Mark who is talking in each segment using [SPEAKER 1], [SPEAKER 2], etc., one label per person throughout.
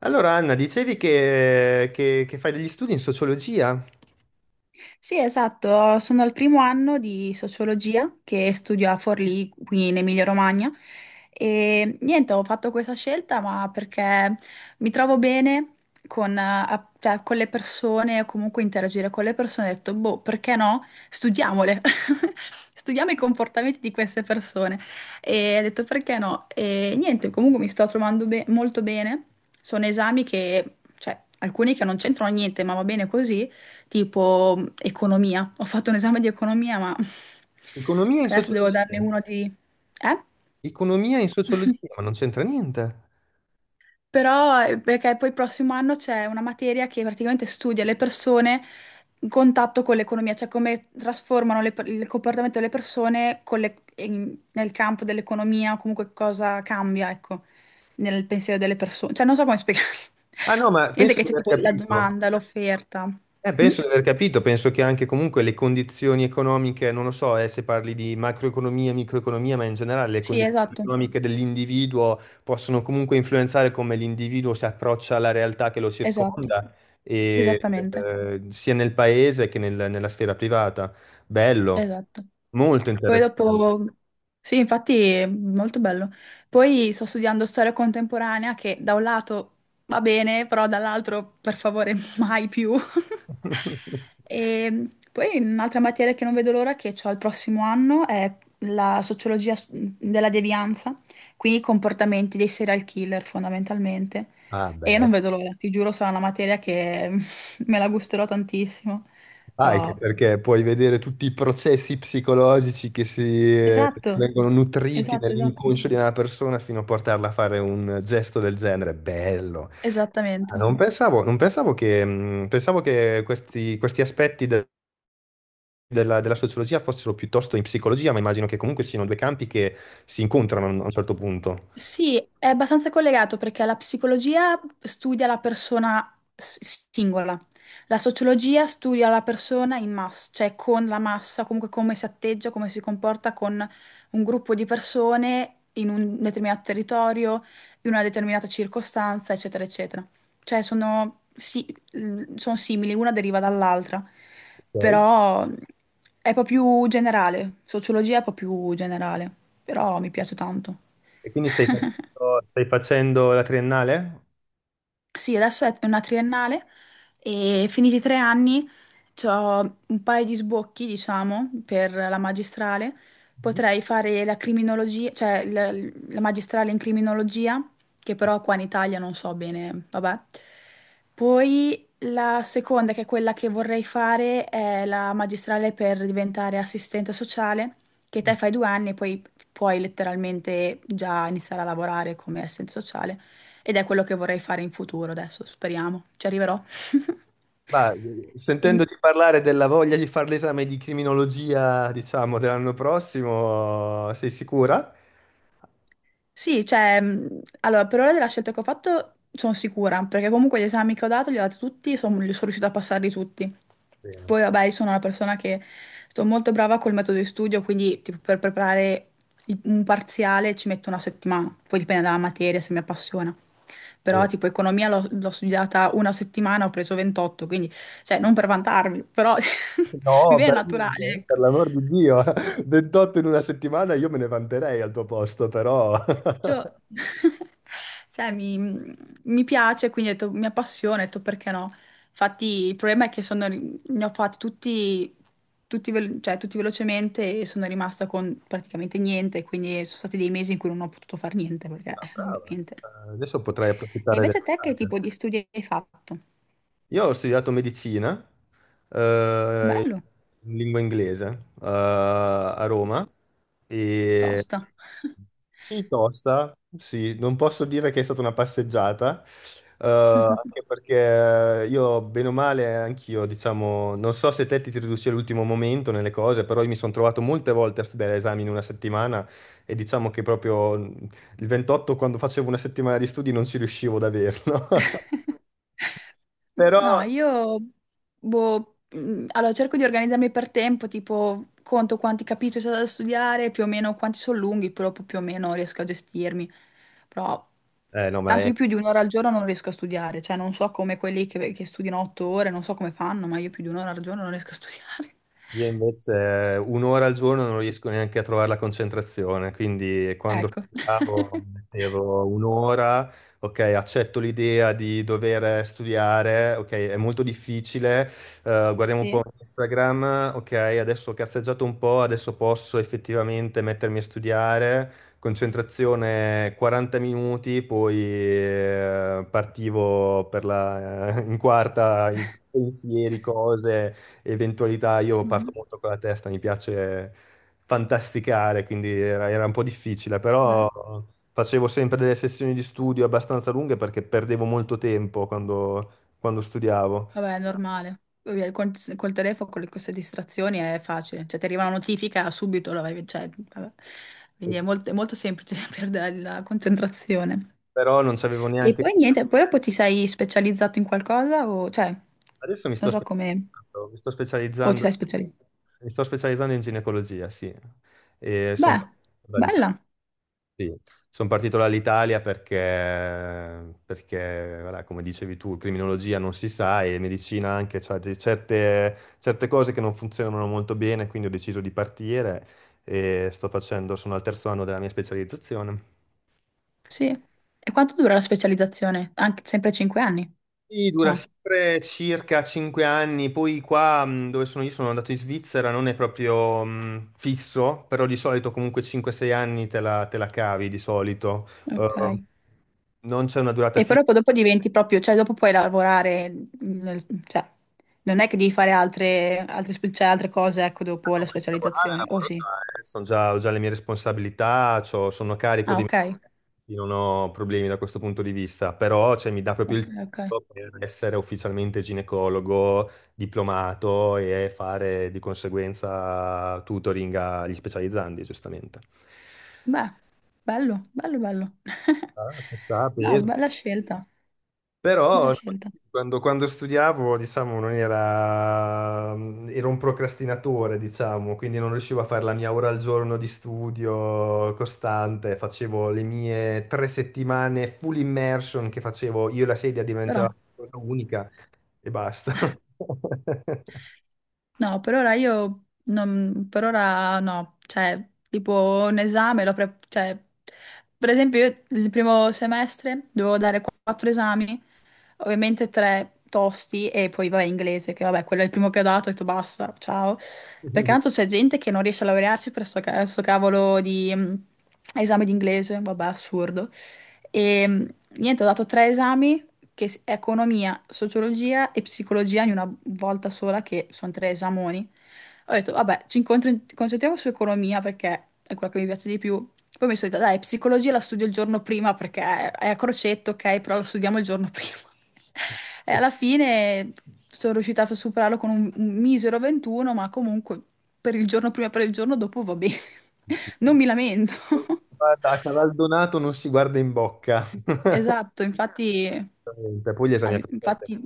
[SPEAKER 1] Allora, Anna, dicevi che, che fai degli studi in sociologia,
[SPEAKER 2] Sì, esatto, sono al 1° anno di sociologia che studio a Forlì, qui in Emilia-Romagna e niente, ho fatto questa scelta ma perché mi trovo bene con, cioè, con le persone o comunque interagire con le persone, ho detto, boh, perché no? Studiamole, studiamo i comportamenti di queste persone e ho detto perché no? E niente, comunque mi sto trovando molto bene, sono esami che, cioè, alcuni che non c'entrano niente, ma va bene così tipo economia. Ho fatto un esame di economia, ma
[SPEAKER 1] economia in
[SPEAKER 2] adesso devo
[SPEAKER 1] sociologia,
[SPEAKER 2] darne uno di... Eh?
[SPEAKER 1] economia in sociologia, ma non c'entra niente.
[SPEAKER 2] Però perché poi il prossimo anno c'è una materia che praticamente studia le persone in contatto con l'economia, cioè come trasformano il comportamento delle persone con nel campo dell'economia o comunque cosa cambia, ecco, nel pensiero delle persone. Cioè non so come spiegare.
[SPEAKER 1] Ah no, ma
[SPEAKER 2] Niente
[SPEAKER 1] penso
[SPEAKER 2] che
[SPEAKER 1] di
[SPEAKER 2] c'è
[SPEAKER 1] aver
[SPEAKER 2] tipo la
[SPEAKER 1] capito.
[SPEAKER 2] domanda, l'offerta. Mm?
[SPEAKER 1] Penso di aver capito, penso che anche comunque le condizioni economiche, non lo so, se parli di macroeconomia, microeconomia, ma in generale le
[SPEAKER 2] Sì,
[SPEAKER 1] condizioni
[SPEAKER 2] esatto,
[SPEAKER 1] economiche dell'individuo possono comunque influenzare come l'individuo si approccia alla realtà che lo
[SPEAKER 2] esatto.
[SPEAKER 1] circonda, e,
[SPEAKER 2] Esattamente,
[SPEAKER 1] sia nel paese nella sfera privata. Bello,
[SPEAKER 2] esatto.
[SPEAKER 1] molto
[SPEAKER 2] Poi
[SPEAKER 1] interessante.
[SPEAKER 2] dopo, sì, infatti è molto bello. Poi sto studiando storia contemporanea che da un lato va bene, però dall'altro per favore mai più. E poi un'altra materia che non vedo l'ora che ho il prossimo anno è la sociologia della devianza, quindi i comportamenti dei serial killer fondamentalmente.
[SPEAKER 1] Ah,
[SPEAKER 2] E
[SPEAKER 1] beh.
[SPEAKER 2] non vedo l'ora, ti giuro, sarà una materia che me la gusterò tantissimo,
[SPEAKER 1] Ah, anche
[SPEAKER 2] però...
[SPEAKER 1] perché puoi vedere tutti i processi psicologici che si
[SPEAKER 2] Esatto,
[SPEAKER 1] vengono nutriti
[SPEAKER 2] esatto, esatto.
[SPEAKER 1] nell'inconscio di una persona fino a portarla a fare un gesto del genere. Bello. Ah,
[SPEAKER 2] Esattamente.
[SPEAKER 1] non pensavo, non pensavo che, pensavo che questi, questi della, della sociologia fossero piuttosto in psicologia, ma immagino che comunque siano due campi che si incontrano a un certo punto.
[SPEAKER 2] Sì, è abbastanza collegato perché la psicologia studia la persona singola, la sociologia studia la persona in massa, cioè con la massa, comunque come si atteggia, come si comporta con un gruppo di persone in un determinato territorio, in una determinata circostanza, eccetera, eccetera. Cioè sono, sono simili, una deriva dall'altra,
[SPEAKER 1] Ok.
[SPEAKER 2] però è un po' più generale, sociologia è un po' più generale, però mi piace tanto.
[SPEAKER 1] E quindi stai facendo la triennale?
[SPEAKER 2] Sì, adesso è una triennale e finiti i 3 anni ho un paio di sbocchi, diciamo, per la magistrale. Potrei fare la criminologia, cioè la magistrale in criminologia, che però qua in Italia non so bene, vabbè. Poi la seconda, che è quella che vorrei fare, è la magistrale per diventare assistente sociale, che
[SPEAKER 1] Mhm.
[SPEAKER 2] te fai 2 anni e poi puoi letteralmente già iniziare a lavorare come assistente sociale. Ed è quello che vorrei fare in futuro adesso, speriamo. Ci arriverò.
[SPEAKER 1] Ma
[SPEAKER 2] E-
[SPEAKER 1] sentendoti parlare della voglia di fare l'esame di criminologia, diciamo, dell'anno prossimo, sei sicura?
[SPEAKER 2] Sì, cioè, allora, per ora della scelta che ho fatto sono sicura, perché comunque gli esami che ho dato li ho dati tutti, li sono riuscita a passarli tutti.
[SPEAKER 1] Bene,
[SPEAKER 2] Poi, vabbè, io sono una persona che sono molto brava col metodo di studio, quindi tipo, per preparare un parziale ci metto 1 settimana, poi dipende dalla materia, se mi appassiona. Però,
[SPEAKER 1] bene.
[SPEAKER 2] tipo, economia l'ho studiata 1 settimana, ho preso 28, quindi, cioè, non per vantarmi, però
[SPEAKER 1] No,
[SPEAKER 2] mi viene
[SPEAKER 1] per
[SPEAKER 2] naturale,
[SPEAKER 1] niente, per
[SPEAKER 2] ecco.
[SPEAKER 1] l'amor di Dio, 28 in una settimana io me ne vanterei al tuo posto, però...
[SPEAKER 2] Cioè, cioè, mi piace, quindi ho detto, mi appassiona, ho detto perché no. Infatti il problema è che sono ne ho fatti tutti, cioè, tutti velocemente e sono rimasta con praticamente niente, quindi sono stati dei mesi in cui non ho potuto fare niente, perché
[SPEAKER 1] Ah, brava.
[SPEAKER 2] ovviamente.
[SPEAKER 1] Adesso potrai
[SPEAKER 2] E
[SPEAKER 1] approfittare
[SPEAKER 2] invece te che
[SPEAKER 1] dell'estate.
[SPEAKER 2] tipo di studi hai fatto?
[SPEAKER 1] Io ho studiato medicina, eh,
[SPEAKER 2] Bello,
[SPEAKER 1] in lingua inglese, a Roma e
[SPEAKER 2] tosta.
[SPEAKER 1] sì, tosta, sì, non posso dire che è stata una passeggiata, eh, anche perché io, bene o male, anch'io, diciamo, non so se te ti riduci all'ultimo momento nelle cose, però io mi sono trovato molte volte a studiare esami in una settimana e diciamo che proprio il 28, quando facevo una settimana di studi, non ci riuscivo ad averlo. Però...
[SPEAKER 2] No, io boh, allora cerco di organizzarmi per tempo, tipo conto quanti capitoli c'è da studiare, più o meno quanti sono lunghi, però poi più o meno riesco a gestirmi. Però
[SPEAKER 1] No, ma
[SPEAKER 2] tanto io
[SPEAKER 1] è
[SPEAKER 2] più di 1 ora al giorno non riesco a studiare, cioè non so come quelli che studiano 8 ore, non so come fanno, ma io più di 1 ora al giorno non riesco a studiare.
[SPEAKER 1] Io invece un'ora al giorno non riesco neanche a trovare la concentrazione, quindi quando
[SPEAKER 2] Ecco.
[SPEAKER 1] studiavo mettevo un'ora, ok, accetto l'idea di dover studiare, ok, è molto difficile, guardiamo un
[SPEAKER 2] Sì.
[SPEAKER 1] po' Instagram, ok, adesso ho cazzeggiato un po', adesso posso effettivamente mettermi a studiare, concentrazione 40 minuti, poi partivo per la, in quarta in pensieri, cose eventualità. Io parto
[SPEAKER 2] Mhm.
[SPEAKER 1] molto con la testa, mi piace fantasticare, quindi era, era un po' difficile,
[SPEAKER 2] Beh.
[SPEAKER 1] però facevo sempre delle sessioni di studio abbastanza lunghe perché perdevo molto tempo quando, quando studiavo.
[SPEAKER 2] Vabbè, è normale. Poi via, Col, col telefono, queste distrazioni è facile. Cioè, ti arriva una notifica subito, la vai, cioè, vabbè.
[SPEAKER 1] E-
[SPEAKER 2] Quindi è molto semplice perdere la concentrazione.
[SPEAKER 1] Però non c'avevo
[SPEAKER 2] E
[SPEAKER 1] neanche...
[SPEAKER 2] poi niente, poi dopo ti sei specializzato in qualcosa o, cioè,
[SPEAKER 1] Adesso mi sto
[SPEAKER 2] non so come...
[SPEAKER 1] specializzando, mi sto
[SPEAKER 2] O ti
[SPEAKER 1] specializzando,
[SPEAKER 2] sei specializzato?
[SPEAKER 1] mi sto specializzando in ginecologia, sì, e sono
[SPEAKER 2] Beh, bella,
[SPEAKER 1] sì, sono partito dall'Italia perché, perché, voilà, come dicevi tu, criminologia non si sa e medicina anche, c'ha certe, certe cose che non funzionano molto bene, quindi ho deciso di partire e sto facendo, sono al 3º anno della mia specializzazione.
[SPEAKER 2] sì. E quanto dura la specializzazione? Anche sempre 5 anni?
[SPEAKER 1] Sì, dura
[SPEAKER 2] No.
[SPEAKER 1] sempre circa 5 anni, poi qua dove sono io sono andato in Svizzera, non è proprio fisso, però di solito comunque 5-6 anni te la cavi di solito.
[SPEAKER 2] Ok.
[SPEAKER 1] Non c'è una durata
[SPEAKER 2] E
[SPEAKER 1] fissa.
[SPEAKER 2] proprio dopo diventi proprio, cioè dopo puoi lavorare, cioè non è che devi fare altre, cioè, altre cose, ecco, dopo
[SPEAKER 1] No,
[SPEAKER 2] la
[SPEAKER 1] ma in lavorare,
[SPEAKER 2] specializzazione, o
[SPEAKER 1] lavoro
[SPEAKER 2] sì?
[SPEAKER 1] già, sono già, ho già le mie responsabilità, sono a carico
[SPEAKER 2] Ah,
[SPEAKER 1] di me,
[SPEAKER 2] ok,
[SPEAKER 1] non ho problemi da questo punto di vista, però cioè, mi dà proprio
[SPEAKER 2] ok,
[SPEAKER 1] il
[SPEAKER 2] ok.
[SPEAKER 1] titolo per essere ufficialmente ginecologo, diplomato e fare di conseguenza tutoring agli specializzandi, giustamente.
[SPEAKER 2] Beh, bello, bello, bello.
[SPEAKER 1] Ah, ci sta,
[SPEAKER 2] No,
[SPEAKER 1] peso.
[SPEAKER 2] bella scelta,
[SPEAKER 1] Però
[SPEAKER 2] bella
[SPEAKER 1] no,
[SPEAKER 2] scelta.
[SPEAKER 1] quando, quando studiavo, diciamo, non era... ero un procrastinatore, diciamo, quindi non riuscivo a fare la mia ora al giorno di studio costante, facevo le mie tre settimane full immersion che facevo, io e la sedia
[SPEAKER 2] Però.
[SPEAKER 1] diventava una cosa unica e basta.
[SPEAKER 2] No, per ora io non, per ora no, cioè tipo un esame, cioè, per esempio io il 1° semestre dovevo dare 4 esami, ovviamente tre tosti e poi vabbè inglese, che vabbè quello è il primo che ho dato, ho detto basta, ciao, perché
[SPEAKER 1] Non
[SPEAKER 2] tanto c'è gente che non riesce a laurearsi per sto cavolo di esame di inglese, vabbè assurdo. E niente, ho dato 3 esami è economia, sociologia e psicologia in una volta sola, che sono 3 esami. Ho detto, vabbè, concentriamo su economia perché è quella che mi piace di più. Poi mi sono detta, dai, psicologia la studio il giorno prima perché è a crocetto, ok, però la studiamo il giorno prima. E alla fine sono riuscita a superarlo con un misero 21, ma comunque per il giorno prima e per il giorno dopo va bene. Non mi lamento.
[SPEAKER 1] si guarda, a Cavaldonato non si guarda in bocca.
[SPEAKER 2] Esatto, infatti,
[SPEAKER 1] Poi gli esami a crocette,
[SPEAKER 2] infatti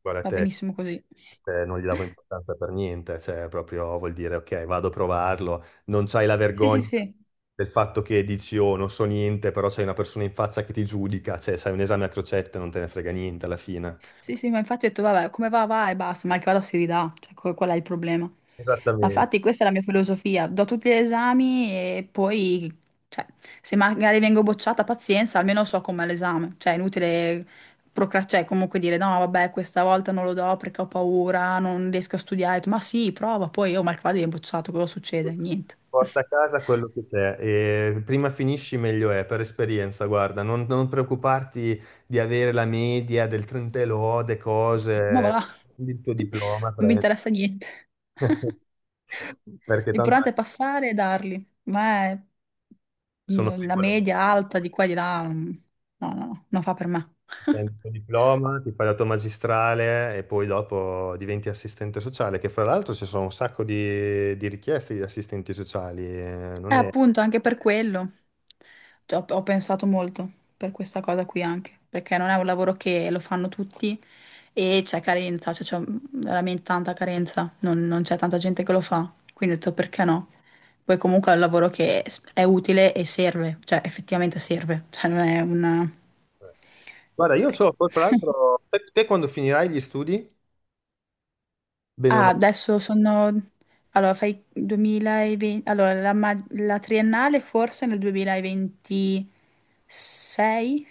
[SPEAKER 1] guarda
[SPEAKER 2] va
[SPEAKER 1] te.
[SPEAKER 2] benissimo così.
[SPEAKER 1] Non gli davo importanza per niente, cioè proprio vuol dire ok, vado a provarlo, non c'hai la
[SPEAKER 2] Sì, sì,
[SPEAKER 1] vergogna
[SPEAKER 2] sì.
[SPEAKER 1] del fatto che dici oh, non so niente, però c'hai una persona in faccia che ti giudica, cioè sai un esame a crocette, non te ne frega niente alla fine.
[SPEAKER 2] Sì, sì, ma infatti ho detto, vabbè, come va, va e basta, mal che vada si ridà, cioè, qual è il problema? Ma
[SPEAKER 1] Esattamente.
[SPEAKER 2] infatti questa è la mia filosofia, do tutti gli esami e poi, cioè, se magari vengo bocciata, pazienza, almeno so com'è l'esame, cioè è inutile procrastinare, cioè comunque dire, no, vabbè, questa volta non lo do perché ho paura, non riesco a studiare, ho detto, ma sì, prova, poi, oh, mal che vada viene bocciato, cosa succede? Niente.
[SPEAKER 1] Porta a casa quello che c'è e prima finisci meglio è, per esperienza, guarda, non, non preoccuparti di avere la media del 30 e lode,
[SPEAKER 2] Ma va
[SPEAKER 1] cose,
[SPEAKER 2] là.
[SPEAKER 1] prendi il tuo diploma,
[SPEAKER 2] Non mi
[SPEAKER 1] prendi.
[SPEAKER 2] interessa niente.
[SPEAKER 1] Perché tanto
[SPEAKER 2] L'importante è passare e darli.
[SPEAKER 1] sono
[SPEAKER 2] La
[SPEAKER 1] frivole.
[SPEAKER 2] media alta di qua e di là, no, no, no, non fa per me.
[SPEAKER 1] Prendi il tuo diploma, ti fai la tua magistrale e poi dopo diventi assistente sociale, che fra l'altro ci sono un sacco di richieste di assistenti sociali. Non è-
[SPEAKER 2] Appunto, anche per quello. Cioè, ho pensato molto per questa cosa qui anche, perché non è un lavoro che lo fanno tutti e c'è carenza, cioè c'è veramente tanta carenza, non c'è tanta gente che lo fa, quindi ho detto perché no? Poi comunque è un lavoro è utile e serve, cioè effettivamente serve, cioè non è una...
[SPEAKER 1] Guarda, io so,
[SPEAKER 2] Ecco.
[SPEAKER 1] poi fra l'altro, te, te quando finirai gli studi, bene o
[SPEAKER 2] Ah,
[SPEAKER 1] male,
[SPEAKER 2] adesso sono... Allora, fai 2020... Allora, la triennale forse nel 2026?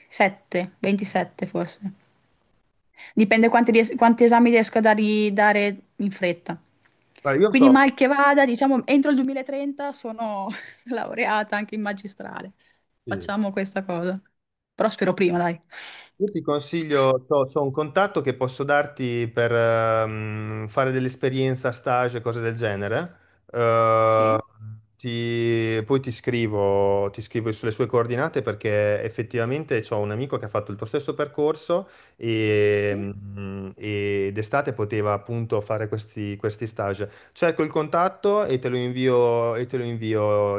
[SPEAKER 2] 7, 27 forse. Dipende quanti, quanti esami riesco a dare in fretta.
[SPEAKER 1] guarda, io
[SPEAKER 2] Quindi
[SPEAKER 1] so,
[SPEAKER 2] mal che vada, diciamo, entro il 2030 sono laureata anche in magistrale.
[SPEAKER 1] sì.
[SPEAKER 2] Facciamo questa cosa. Però spero prima, dai.
[SPEAKER 1] Io ti consiglio, ho un contatto che posso darti per fare dell'esperienza, stage, cose del genere. Eh,
[SPEAKER 2] Sì,
[SPEAKER 1] poi ti scrivo sulle sue coordinate perché effettivamente ho un amico che ha fatto il tuo stesso percorso e,
[SPEAKER 2] sì,
[SPEAKER 1] e d'estate poteva appunto fare questi, questi stage. Cerco il contatto e te lo invio, e te lo invio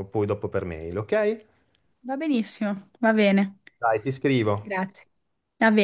[SPEAKER 1] poi dopo per mail, ok?
[SPEAKER 2] va benissimo, va bene.
[SPEAKER 1] Dai, ti scrivo.
[SPEAKER 2] Grazie. Va bene.